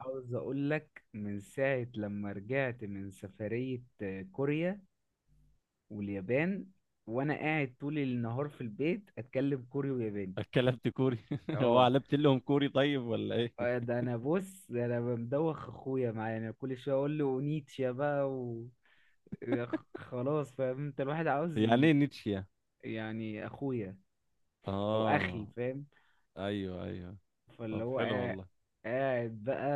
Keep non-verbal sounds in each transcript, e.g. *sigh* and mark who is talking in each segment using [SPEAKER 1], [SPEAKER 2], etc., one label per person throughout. [SPEAKER 1] عاوز اقول لك من ساعة لما رجعت من سفرية كوريا واليابان، وانا قاعد طول النهار في البيت اتكلم كوري وياباني.
[SPEAKER 2] اتكلمت كوري؟ *laughs* هو
[SPEAKER 1] اه،
[SPEAKER 2] علبت لهم كوري، طيب ولا ايه؟
[SPEAKER 1] ده انا بص، ده انا مدوخ اخويا معايا، انا كل شوية اقول له اونيتشا بقى و... خلاص فاهم انت، الواحد عاوز
[SPEAKER 2] يعني
[SPEAKER 1] ي...
[SPEAKER 2] ايه نيتشه يعني؟
[SPEAKER 1] يعني اخويا، او اخي،
[SPEAKER 2] اه،
[SPEAKER 1] فاهم؟
[SPEAKER 2] ايوه، ايوه.
[SPEAKER 1] فاللي
[SPEAKER 2] طب
[SPEAKER 1] هو
[SPEAKER 2] حلو
[SPEAKER 1] قاعد،
[SPEAKER 2] والله.
[SPEAKER 1] قاعد بقى،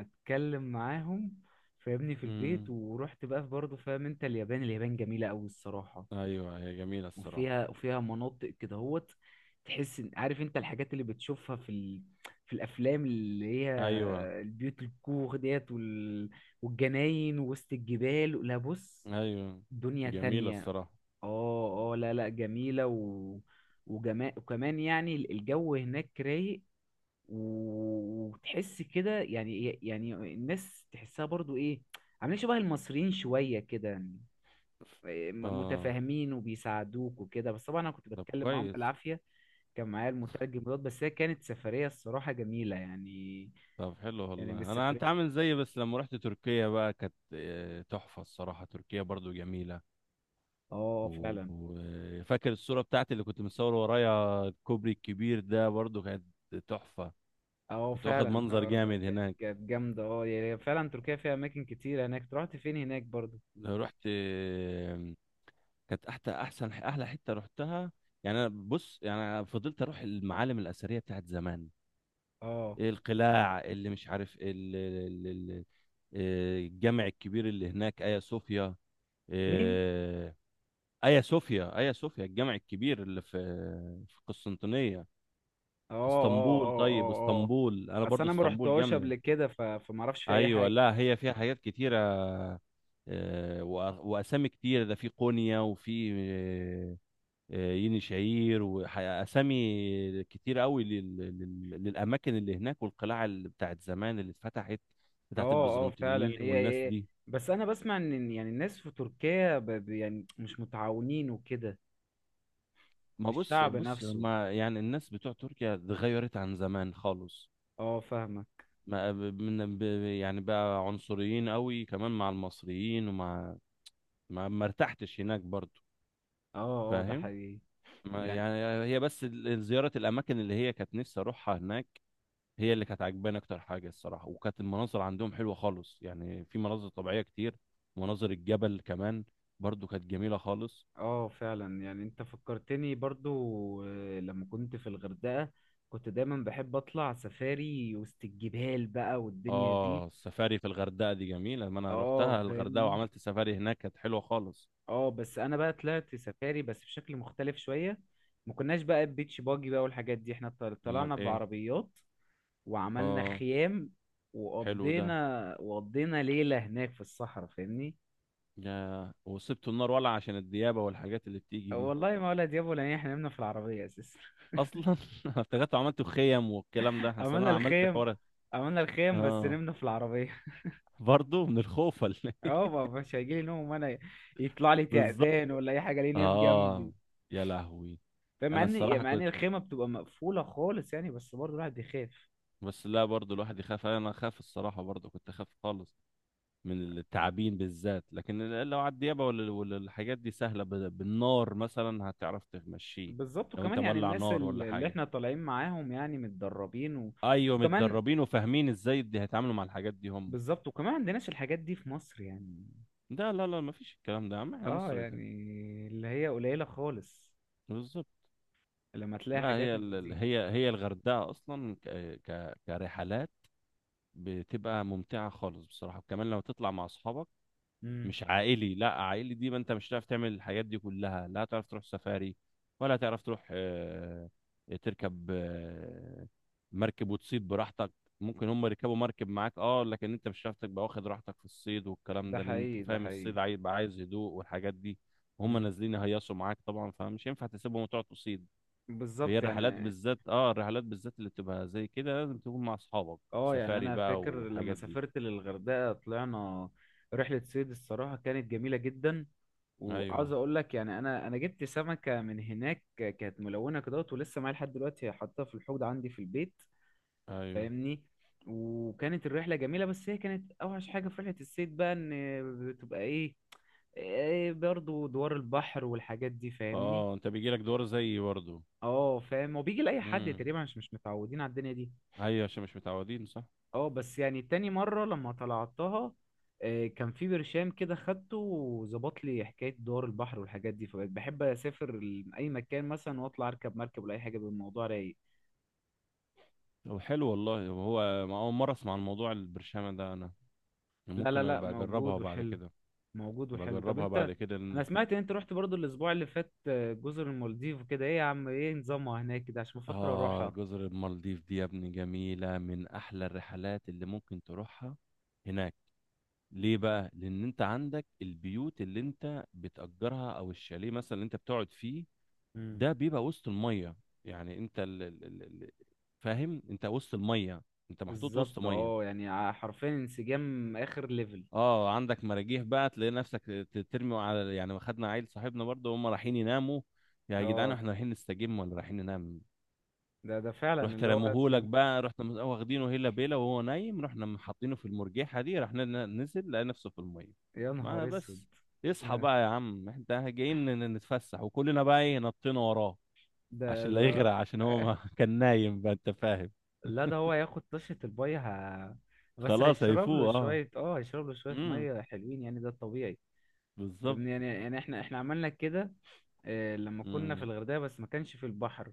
[SPEAKER 1] اتكلم معاهم، فاهمني، في البيت.
[SPEAKER 2] امم
[SPEAKER 1] ورحت بقى برضه، فاهم انت، اليابان جميلة قوي الصراحة.
[SPEAKER 2] ايوه، هي جميله الصراحه.
[SPEAKER 1] وفيها مناطق كده هوت، عارف انت الحاجات اللي بتشوفها في الافلام، اللي هي
[SPEAKER 2] ايوه،
[SPEAKER 1] البيوت الكوخ ديت والجناين وسط الجبال. لا بص،
[SPEAKER 2] ايوه،
[SPEAKER 1] دنيا
[SPEAKER 2] جميله
[SPEAKER 1] تانية.
[SPEAKER 2] الصراحه.
[SPEAKER 1] اه اه، لا لا، جميلة وكمان يعني الجو هناك رايق. وتحس كده، يعني الناس تحسها برضو ايه، عاملين شبه المصريين شوية كده يعني. إيه،
[SPEAKER 2] اه،
[SPEAKER 1] متفاهمين وبيساعدوك وكده، بس طبعا انا كنت
[SPEAKER 2] طب
[SPEAKER 1] بتكلم معاهم
[SPEAKER 2] كويس.
[SPEAKER 1] بالعافية. كان معايا المترجم دوت، بس هي كانت سفرية الصراحة جميلة يعني،
[SPEAKER 2] طب حلو
[SPEAKER 1] يعني من
[SPEAKER 2] والله، انا انت
[SPEAKER 1] السفريات.
[SPEAKER 2] عامل زيي، بس لما رحت تركيا بقى كانت تحفه الصراحه، تركيا برضو جميله.
[SPEAKER 1] اه فعلا.
[SPEAKER 2] وفاكر الصوره بتاعتي اللي كنت مصور ورايا الكوبري الكبير ده؟ برضو كانت تحفه.
[SPEAKER 1] اه
[SPEAKER 2] كنت واخد
[SPEAKER 1] فعلا،
[SPEAKER 2] منظر
[SPEAKER 1] اه، ده
[SPEAKER 2] جامد
[SPEAKER 1] كانت
[SPEAKER 2] هناك
[SPEAKER 1] جامدة، اه، يعني فعلا تركيا فيها اماكن كتير هناك. أنت رحت فين هناك برضو؟
[SPEAKER 2] لو رحت، كانت احلى، احسن احلى حته رحتها. يعني انا بص، يعني أنا فضلت اروح المعالم الاثريه بتاعت زمان.
[SPEAKER 1] اه،
[SPEAKER 2] إيه، القلاع اللي مش عارف ال- ال- ال- الجامع الكبير اللي هناك، ايا صوفيا.
[SPEAKER 1] مين؟
[SPEAKER 2] آه، ايا صوفيا، ايا صوفيا الجامع الكبير اللي في قسطنطينيه،
[SPEAKER 1] اه
[SPEAKER 2] في
[SPEAKER 1] اه
[SPEAKER 2] اسطنبول.
[SPEAKER 1] اه
[SPEAKER 2] طيب
[SPEAKER 1] اه اه.
[SPEAKER 2] اسطنبول، انا
[SPEAKER 1] اصل
[SPEAKER 2] برضو
[SPEAKER 1] انا ما
[SPEAKER 2] اسطنبول
[SPEAKER 1] رحتهاش
[SPEAKER 2] جامده.
[SPEAKER 1] قبل كده، ف... فما اعرفش في اي
[SPEAKER 2] ايوه،
[SPEAKER 1] حاجة.
[SPEAKER 2] لا هي فيها حاجات كتيره. واسامي كتير، ده في قونيا وفي يني شعير، واسامي كتير قوي للاماكن اللي هناك، والقلاع اللي بتاعت زمان اللي اتفتحت بتاعت
[SPEAKER 1] اه اه فعلا،
[SPEAKER 2] البيزنطيين
[SPEAKER 1] هي
[SPEAKER 2] والناس
[SPEAKER 1] ايه،
[SPEAKER 2] دي.
[SPEAKER 1] بس انا بسمع ان، إن يعني الناس في تركيا، ب... ب- يعني مش متعاونين وكده.
[SPEAKER 2] ما بص،
[SPEAKER 1] الشعب
[SPEAKER 2] بص،
[SPEAKER 1] نفسه،
[SPEAKER 2] ما يعني الناس بتوع تركيا اتغيرت عن زمان خالص.
[SPEAKER 1] اه، فاهمة.
[SPEAKER 2] ما ب- من ب... يعني بقى عنصريين قوي كمان مع المصريين ومع، ما ارتحتش هناك برضو.
[SPEAKER 1] اه اه، ده
[SPEAKER 2] فاهم.
[SPEAKER 1] حقيقي
[SPEAKER 2] ما
[SPEAKER 1] يعني.
[SPEAKER 2] يعني هي بس زيارة الأماكن اللي هي كانت نفسي أروحها هناك، هي اللي كانت عجباني اكتر حاجه الصراحه. وكانت المناظر عندهم حلوه خالص، يعني في مناظر طبيعيه كتير، مناظر الجبل كمان برضو كانت جميله خالص.
[SPEAKER 1] اه فعلا، يعني انت فكرتني برضو، لما كنت في الغردقة كنت دايما بحب اطلع سفاري وسط الجبال بقى والدنيا دي.
[SPEAKER 2] اه، السفاري في الغردقه دي جميله، لما انا
[SPEAKER 1] اه
[SPEAKER 2] روحتها الغردقه
[SPEAKER 1] فاهمني.
[SPEAKER 2] وعملت سفاري هناك كانت حلوه خالص.
[SPEAKER 1] اه، بس انا بقى طلعت سفاري بس بشكل مختلف شوية، ما كناش بقى بيتش باجي بقى والحاجات دي، احنا
[SPEAKER 2] امال
[SPEAKER 1] طلعنا
[SPEAKER 2] ايه؟
[SPEAKER 1] بعربيات وعملنا
[SPEAKER 2] اه،
[SPEAKER 1] خيام،
[SPEAKER 2] حلو ده.
[SPEAKER 1] وقضينا ليلة هناك في الصحراء، فاهمني.
[SPEAKER 2] يا، وسبت النار ولع عشان الديابه والحاجات اللي بتيجي دي؟
[SPEAKER 1] والله ما ولا دياب ولا إيه، احنا نمنا في العربية اساسا *laughs*
[SPEAKER 2] اصلا *laughs* أنا افتكرت عملت خيم والكلام ده، اصلا
[SPEAKER 1] عملنا
[SPEAKER 2] انا عملت
[SPEAKER 1] الخيم،
[SPEAKER 2] حوار.
[SPEAKER 1] عملنا الخيم بس
[SPEAKER 2] اه،
[SPEAKER 1] نمنا في العربية *laughs*
[SPEAKER 2] برضو من الخوف ولا إيه؟ *laughs*
[SPEAKER 1] اه، مش هيجيلي نوم وانا يطلع لي
[SPEAKER 2] بالظبط.
[SPEAKER 1] تعبان ولا اي حاجة ليه نام جنبي.
[SPEAKER 2] اه، يا لهوي.
[SPEAKER 1] فاهم، مع
[SPEAKER 2] انا
[SPEAKER 1] ان
[SPEAKER 2] الصراحه
[SPEAKER 1] مع ان
[SPEAKER 2] كنت،
[SPEAKER 1] الخيمة بتبقى مقفولة خالص يعني، بس برضه الواحد بيخاف.
[SPEAKER 2] بس لا برضو الواحد يخاف، انا اخاف الصراحه برضو كنت اخاف خالص من التعابين بالذات. لكن لو على الديابه ولا الحاجات دي سهله بالنار مثلا هتعرف تمشيه،
[SPEAKER 1] بالظبط،
[SPEAKER 2] لو انت
[SPEAKER 1] وكمان يعني
[SPEAKER 2] مولع
[SPEAKER 1] الناس
[SPEAKER 2] نار ولا
[SPEAKER 1] اللي
[SPEAKER 2] حاجه.
[SPEAKER 1] احنا طالعين معاهم يعني متدربين و...
[SPEAKER 2] ايوه،
[SPEAKER 1] وكمان،
[SPEAKER 2] متدربين وفاهمين ازاي دي هيتعاملوا مع الحاجات دي هم.
[SPEAKER 1] بالظبط، وكمان عندناش الحاجات دي في مصر يعني،
[SPEAKER 2] ده لا، لا، ما فيش الكلام ده يا عم، احنا
[SPEAKER 1] اه
[SPEAKER 2] مصر.
[SPEAKER 1] يعني اللي هي قليلة خالص
[SPEAKER 2] بالظبط.
[SPEAKER 1] لما تلاقي
[SPEAKER 2] ده
[SPEAKER 1] حاجات
[SPEAKER 2] هي
[SPEAKER 1] من دي.
[SPEAKER 2] هي هي الغردقه اصلا كرحلات بتبقى ممتعه خالص بصراحه، وكمان لو تطلع مع اصحابك،
[SPEAKER 1] امم،
[SPEAKER 2] مش عائلي. لا عائلي دي ما انت مش هتعرف تعمل الحاجات دي كلها، لا هتعرف تروح سفاري، ولا هتعرف تروح، تركب، مركب وتصيد براحتك. ممكن هم يركبوا مركب معاك، اه لكن انت مش هتعرف تبقى واخد راحتك في الصيد والكلام
[SPEAKER 1] ده
[SPEAKER 2] ده، لان انت
[SPEAKER 1] حقيقي، ده
[SPEAKER 2] فاهم
[SPEAKER 1] حقيقي.
[SPEAKER 2] الصيد عايز يبقى عايز هدوء والحاجات دي، وهم
[SPEAKER 1] مم.
[SPEAKER 2] نازلين يهيصوا معاك طبعا، فمش ينفع تسيبهم وتقعد تصيد. هي
[SPEAKER 1] بالظبط
[SPEAKER 2] الرحلات
[SPEAKER 1] يعني.
[SPEAKER 2] بالذات، الرحلات بالذات اللي بتبقى زي كده لازم تكون مع اصحابك،
[SPEAKER 1] اه يعني
[SPEAKER 2] سفاري
[SPEAKER 1] انا
[SPEAKER 2] بقى
[SPEAKER 1] فاكر لما
[SPEAKER 2] والحاجات دي.
[SPEAKER 1] سافرت للغردقة طلعنا رحلة صيد الصراحة كانت جميلة جدا. وعاوز
[SPEAKER 2] ايوه،
[SPEAKER 1] اقول لك يعني، انا جبت سمكة من هناك كانت ملونة كده ولسه معايا لحد دلوقتي، حاطاها في الحوض عندي في البيت،
[SPEAKER 2] ايوه.
[SPEAKER 1] فاهمني. وكانت الرحلة جميلة، بس هي كانت اوحش حاجة في رحلة الصيد بقى ان بتبقى ايه، إيه برضو دوار البحر والحاجات دي، فاهمني.
[SPEAKER 2] اه، انت بيجيلك دور زيي برضه؟
[SPEAKER 1] اه فاهم، هو بيجي لأي حد
[SPEAKER 2] امم
[SPEAKER 1] تقريبا، مش متعودين على الدنيا دي.
[SPEAKER 2] ايوه، عشان مش متعودين، صح.
[SPEAKER 1] اه، بس يعني تاني مرة لما طلعتها، إيه، كان في برشام كده خدته وظبط لي حكاية دوار البحر والحاجات دي، فبقيت بحب أسافر ل- أي مكان مثلا وأطلع أركب مركب ولا أي حاجة بالموضوع رايق.
[SPEAKER 2] طب حلو والله، هو ما اول مره اسمع عن موضوع البرشامه ده انا،
[SPEAKER 1] لا لا
[SPEAKER 2] ممكن
[SPEAKER 1] لا
[SPEAKER 2] ابقى اجربها
[SPEAKER 1] موجود
[SPEAKER 2] بعد
[SPEAKER 1] وحلو،
[SPEAKER 2] كده،
[SPEAKER 1] موجود
[SPEAKER 2] ابقى
[SPEAKER 1] وحلو. طب
[SPEAKER 2] اجربها
[SPEAKER 1] أنت،
[SPEAKER 2] بعد كده،
[SPEAKER 1] أنا
[SPEAKER 2] إن...
[SPEAKER 1] سمعت إن أنت رحت برضو الأسبوع اللي فات جزر المالديف وكده، إيه يا عم، إيه نظامها هناك كده عشان بفكر
[SPEAKER 2] اه،
[SPEAKER 1] أروحها؟
[SPEAKER 2] جزر المالديف دي يا ابني جميله، من احلى الرحلات اللي ممكن تروحها هناك. ليه بقى؟ لان انت عندك البيوت اللي انت بتأجرها او الشاليه مثلا اللي انت بتقعد فيه،
[SPEAKER 1] مم.
[SPEAKER 2] ده بيبقى وسط الميه. يعني انت فاهم، انت وسط الميه، انت محطوط وسط
[SPEAKER 1] بالظبط
[SPEAKER 2] ميه.
[SPEAKER 1] اه، يعني حرفيا انسجام اخر ليفل.
[SPEAKER 2] اه، عندك مراجيح بقى تلاقي نفسك ترمي على، يعني خدنا عيل صاحبنا برضه هم رايحين يناموا. يا جدعان،
[SPEAKER 1] اه
[SPEAKER 2] احنا رايحين نستجم ولا رايحين ننام؟
[SPEAKER 1] ده ده فعلا
[SPEAKER 2] رحت
[SPEAKER 1] اللي هو،
[SPEAKER 2] رموهولك بقى، رحت واخدينه هيلا بيلا وهو نايم، رحنا حاطينه في المرجيحه دي، رحنا نزل لقى نفسه في الميه.
[SPEAKER 1] يا
[SPEAKER 2] ما
[SPEAKER 1] نهار اسود
[SPEAKER 2] بس، يصحى بقى
[SPEAKER 1] *laughs*
[SPEAKER 2] يا عم، احنا جايين نتفسح، وكلنا بقى ايه، نطينا وراه
[SPEAKER 1] ده
[SPEAKER 2] عشان لا
[SPEAKER 1] لا
[SPEAKER 2] يغرق، عشان هو ما *laughs* كان نايم بقى، انت فاهم.
[SPEAKER 1] لا، ده هو هياخد طشة الباي ه... بس
[SPEAKER 2] خلاص
[SPEAKER 1] هيشرب له
[SPEAKER 2] هيفوق. اه،
[SPEAKER 1] شوية، اه هيشرب له شوية
[SPEAKER 2] امم،
[SPEAKER 1] مية، حلوين يعني، ده الطبيعي.
[SPEAKER 2] بالظبط.
[SPEAKER 1] فاهمني، يعني يعني احنا عملنا كده، لما كنا في
[SPEAKER 2] امم،
[SPEAKER 1] الغردقة بس ما كانش في البحر.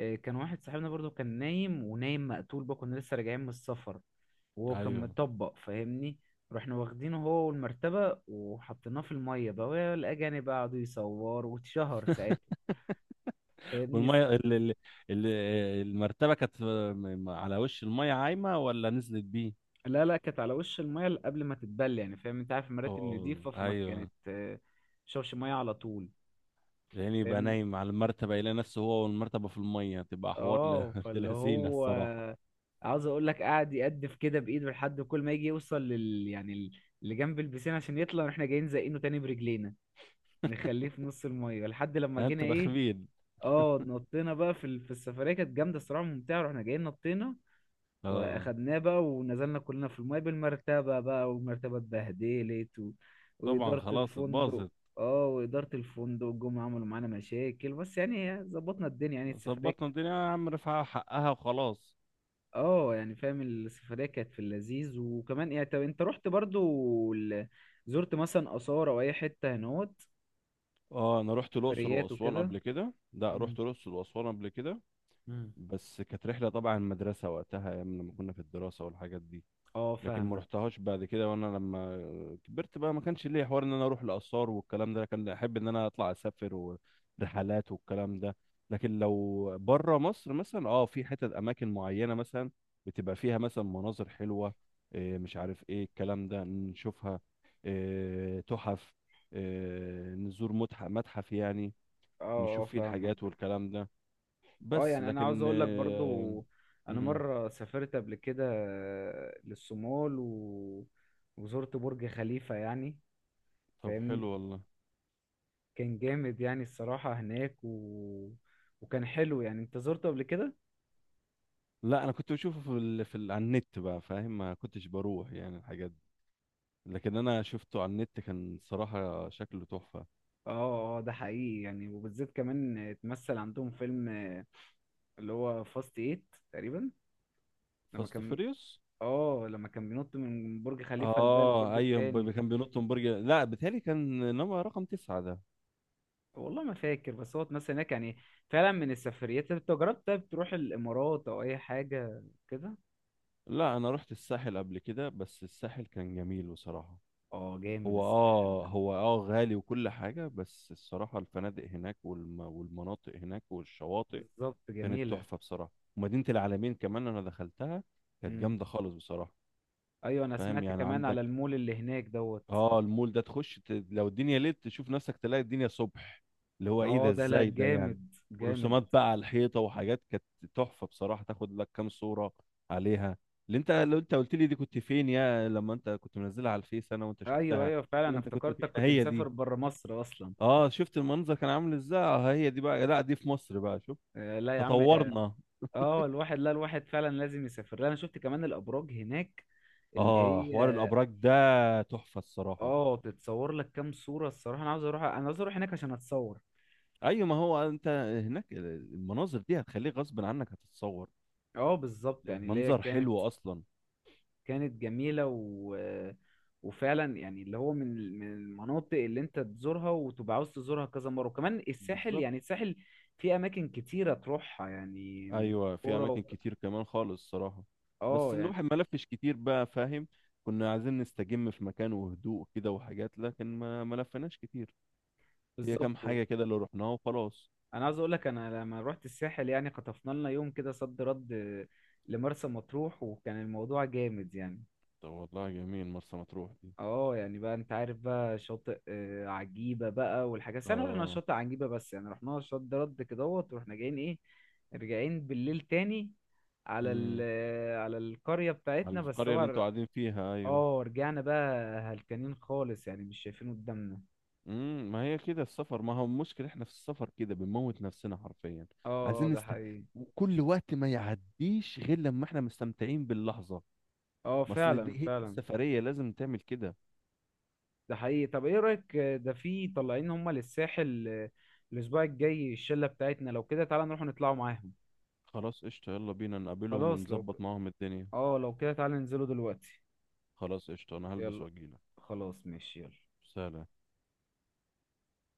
[SPEAKER 1] كان واحد صاحبنا برضو كان نايم، ونايم مقتول بقى، كنا لسه راجعين من السفر وهو كان
[SPEAKER 2] ايوه.
[SPEAKER 1] مطبق، فاهمني. رحنا واخدينه هو والمرتبة، وحطيناه في المية بقى، والأجانب بقى قعدوا يصوروا واتشهر ساعتها، فاهمني.
[SPEAKER 2] والميه ال- المرتبه كانت على وش الميه عايمه ولا نزلت بيه؟
[SPEAKER 1] لا لا، كانت على وش المية قبل ما تتبل، يعني فاهم انت، عارف المراتب
[SPEAKER 2] اه،
[SPEAKER 1] نضيفة، فما كانت
[SPEAKER 2] ايوه،
[SPEAKER 1] شوش مية على طول.
[SPEAKER 2] يعني يبقى
[SPEAKER 1] فاهمني.
[SPEAKER 2] نايم على المرتبه يلاقي نفسه هو والمرتبه في الميه، تبقى حوار
[SPEAKER 1] اه
[SPEAKER 2] *laughs* ابن
[SPEAKER 1] فاللي
[SPEAKER 2] لذينه
[SPEAKER 1] هو،
[SPEAKER 2] الصراحه.
[SPEAKER 1] عاوز اقول لك قاعد يقدف كده بايده لحد كل ما يجي يوصل لل يعني اللي جنب البسين عشان يطلع، واحنا جايين زقينه تاني برجلينا، نخليه في نص الميه لحد لما جينا
[SPEAKER 2] انتوا
[SPEAKER 1] ايه.
[SPEAKER 2] رخمين.
[SPEAKER 1] اه نطينا بقى في في السفريه كانت جامده الصراحه، ممتعه، رحنا جايين نطينا،
[SPEAKER 2] اه،
[SPEAKER 1] واخدناه بقى ونزلنا كلنا في الميه بالمرتبه بقى، والمرتبه اتبهدلت و...
[SPEAKER 2] طبعا
[SPEAKER 1] واداره
[SPEAKER 2] خلاص
[SPEAKER 1] الفندق.
[SPEAKER 2] اتباظت.
[SPEAKER 1] اه واداره الفندق جم عملوا معانا مشاكل، بس يعني ظبطنا الدنيا، يعني السفريه.
[SPEAKER 2] ظبطنا الدنيا يا عم، رفعها حقها وخلاص.
[SPEAKER 1] اه يعني، فاهم، السفرية كانت في اللذيذ. وكمان يعني، طب انت رحت برضو زرت مثلا آثار او اي حتة هنوت؟
[SPEAKER 2] اه، انا رحت الاقصر
[SPEAKER 1] سفريات
[SPEAKER 2] واسوان
[SPEAKER 1] وكده؟
[SPEAKER 2] قبل كده، لا
[SPEAKER 1] مم.
[SPEAKER 2] رحت الاقصر واسوان قبل كده،
[SPEAKER 1] مم.
[SPEAKER 2] بس كانت رحله طبعا المدرسه وقتها، ايام لما كنا في الدراسه والحاجات دي.
[SPEAKER 1] اه
[SPEAKER 2] لكن ما
[SPEAKER 1] فاهمك.
[SPEAKER 2] رحتهاش بعد كده وانا لما كبرت بقى، ما كانش ليا حوار ان انا اروح الاثار والكلام ده، كان احب ان انا اطلع اسافر ورحلات والكلام ده. لكن لو بره مصر مثلا، في حتت اماكن معينه مثلا بتبقى فيها مثلا مناظر حلوه، إيه، مش عارف ايه الكلام ده، نشوفها، إيه، تحف، إيه، نزور متحف متحف يعني،
[SPEAKER 1] اه اه
[SPEAKER 2] نشوف فيه الحاجات
[SPEAKER 1] فاهمك.
[SPEAKER 2] والكلام ده.
[SPEAKER 1] اه
[SPEAKER 2] بس
[SPEAKER 1] يعني انا عاوز
[SPEAKER 2] لكن
[SPEAKER 1] اقول لك
[SPEAKER 2] إيه.
[SPEAKER 1] برضو، انا
[SPEAKER 2] مم،
[SPEAKER 1] مرة سافرت قبل كده للصومال و... وزرت برج خليفة يعني،
[SPEAKER 2] طب حلو
[SPEAKER 1] فاهمني،
[SPEAKER 2] والله.
[SPEAKER 1] كان جامد يعني الصراحة هناك و... وكان حلو يعني. انت زرته قبل كده؟
[SPEAKER 2] لا، انا كنت بشوفه على النت بقى فاهم، ما كنتش بروح يعني الحاجات دي، لكن انا شفته على النت كان صراحة شكله تحفة.
[SPEAKER 1] اه اه ده حقيقي يعني، وبالذات كمان اتمثل عندهم فيلم اللي هو فاست ايت تقريبا، لما
[SPEAKER 2] فاست
[SPEAKER 1] كان،
[SPEAKER 2] فيريوس.
[SPEAKER 1] اه لما كان بينط من برج خليفة لده
[SPEAKER 2] اه،
[SPEAKER 1] للبرج
[SPEAKER 2] ايوه
[SPEAKER 1] التاني.
[SPEAKER 2] كان بينط من برج، لا بيتهيألي كان نمرة رقم 9 ده.
[SPEAKER 1] والله ما فاكر، بس هو اتمثل هناك يعني. فعلا من السفريات. طب انت جربت طيب تروح الامارات او اي حاجة كده؟
[SPEAKER 2] لا، انا رحت الساحل قبل كده، بس الساحل كان جميل بصراحة.
[SPEAKER 1] اه جامد
[SPEAKER 2] هو
[SPEAKER 1] الساحل
[SPEAKER 2] اه
[SPEAKER 1] ده.
[SPEAKER 2] هو اه غالي وكل حاجة، بس الصراحة الفنادق هناك والمناطق هناك والشواطئ
[SPEAKER 1] بالظبط،
[SPEAKER 2] كانت
[SPEAKER 1] جميلة.
[SPEAKER 2] تحفة بصراحة. ومدينة العالمين كمان انا دخلتها، كانت
[SPEAKER 1] امم،
[SPEAKER 2] جامدة خالص بصراحة.
[SPEAKER 1] ايوه. انا
[SPEAKER 2] فاهم
[SPEAKER 1] سمعت
[SPEAKER 2] يعني،
[SPEAKER 1] كمان
[SPEAKER 2] عندك،
[SPEAKER 1] على المول اللي هناك دوت.
[SPEAKER 2] اه المول ده تخش لو الدنيا ليل تشوف نفسك تلاقي الدنيا صبح، اللي هو ايه
[SPEAKER 1] اه
[SPEAKER 2] ده،
[SPEAKER 1] ده لا
[SPEAKER 2] ازاي ده يعني.
[SPEAKER 1] جامد جامد.
[SPEAKER 2] ورسومات بقى على الحيطه وحاجات كانت تحفه بصراحه، تاخد لك كام صوره عليها. اللي انت، لو انت قلت لي دي كنت فين يا، لما انت كنت منزلها على الفيس انا وانت
[SPEAKER 1] ايوه
[SPEAKER 2] شفتها
[SPEAKER 1] ايوه فعلا،
[SPEAKER 2] قلت لي
[SPEAKER 1] انا
[SPEAKER 2] انت كنت فين
[SPEAKER 1] افتكرتك كنت
[SPEAKER 2] هي
[SPEAKER 1] مسافر
[SPEAKER 2] دي.
[SPEAKER 1] بره مصر اصلا.
[SPEAKER 2] اه، شفت المنظر كان عامل ازاي، هي دي بقى، لا دي في مصر بقى، شوف
[SPEAKER 1] لا يا عم.
[SPEAKER 2] تطورنا.
[SPEAKER 1] اه الواحد، لا الواحد فعلا لازم يسافر. لا انا شفت كمان الابراج هناك اللي
[SPEAKER 2] اه، حوار
[SPEAKER 1] هي،
[SPEAKER 2] الابراج ده تحفه الصراحه.
[SPEAKER 1] اه تتصور لك كام صورة الصراحة. انا عاوز اروح، انا عاوز اروح هناك عشان اتصور.
[SPEAKER 2] ايوه، ما هو انت هناك المناظر دي هتخليك غصب عنك هتتصور،
[SPEAKER 1] اه بالظبط يعني، اللي هي
[SPEAKER 2] المنظر
[SPEAKER 1] كانت،
[SPEAKER 2] حلو اصلا.
[SPEAKER 1] كانت جميلة و... وفعلا يعني اللي هو، من المناطق اللي انت تزورها وتبقى عاوز تزورها كذا مرة. وكمان الساحل،
[SPEAKER 2] بالظبط.
[SPEAKER 1] يعني الساحل في اماكن كتيرة تروحها يعني، من
[SPEAKER 2] ايوه، في
[SPEAKER 1] كورة و...
[SPEAKER 2] اماكن كتير كمان خالص صراحه. بس
[SPEAKER 1] اه يعني،
[SPEAKER 2] الواحد ما لفش كتير بقى فاهم، كنا عايزين نستجم في مكان وهدوء كده وحاجات، لكن ما لفناش كتير، هي كام
[SPEAKER 1] بالظبط.
[SPEAKER 2] حاجه كده اللي رحناها وخلاص.
[SPEAKER 1] انا عاوز اقول لك، انا لما رحت الساحل يعني خطفنا لنا يوم كده صد رد لمرسى مطروح، وكان الموضوع جامد يعني.
[SPEAKER 2] طب والله جميل مرسى مطروح دي.
[SPEAKER 1] اه يعني بقى انت عارف بقى شاطئ عجيبة بقى والحاجات، بس انا رحنا
[SPEAKER 2] اه.
[SPEAKER 1] شاطئ عجيبة، بس يعني رحنا صد رد كدهوت، ورحنا جايين ايه، راجعين بالليل تاني على ال،
[SPEAKER 2] امم
[SPEAKER 1] على القرية
[SPEAKER 2] على
[SPEAKER 1] بتاعتنا، بس
[SPEAKER 2] القريه اللي
[SPEAKER 1] طبعا
[SPEAKER 2] انتوا قاعدين فيها، ايوه.
[SPEAKER 1] اه رجعنا بقى هلكانين خالص، يعني مش شايفين قدامنا.
[SPEAKER 2] ما هي كده السفر، ما هو المشكله احنا في السفر كده بنموت نفسنا حرفيا،
[SPEAKER 1] اه،
[SPEAKER 2] عايزين
[SPEAKER 1] ده
[SPEAKER 2] نست.
[SPEAKER 1] حقيقي.
[SPEAKER 2] كل وقت ما يعديش غير لما احنا مستمتعين باللحظه،
[SPEAKER 1] اه
[SPEAKER 2] ما اصل دي
[SPEAKER 1] فعلا
[SPEAKER 2] هي دي
[SPEAKER 1] فعلا.
[SPEAKER 2] السفرية لازم تعمل كده.
[SPEAKER 1] ده حقيقي. طب ايه رأيك، ده في طالعين هما للساحل الاسبوع الجاي الشلة بتاعتنا، لو كده تعالى نروح نطلعوا معاهم؟
[SPEAKER 2] خلاص قشطة، يلا بينا نقابلهم
[SPEAKER 1] خلاص لو
[SPEAKER 2] ونظبط
[SPEAKER 1] ك...
[SPEAKER 2] معاهم الدنيا.
[SPEAKER 1] اه لو كده تعالى ننزلوا دلوقتي.
[SPEAKER 2] خلاص قشطة، انا هلبس
[SPEAKER 1] يلا،
[SPEAKER 2] واجيلك.
[SPEAKER 1] خلاص ماشي، يلا.
[SPEAKER 2] سلام.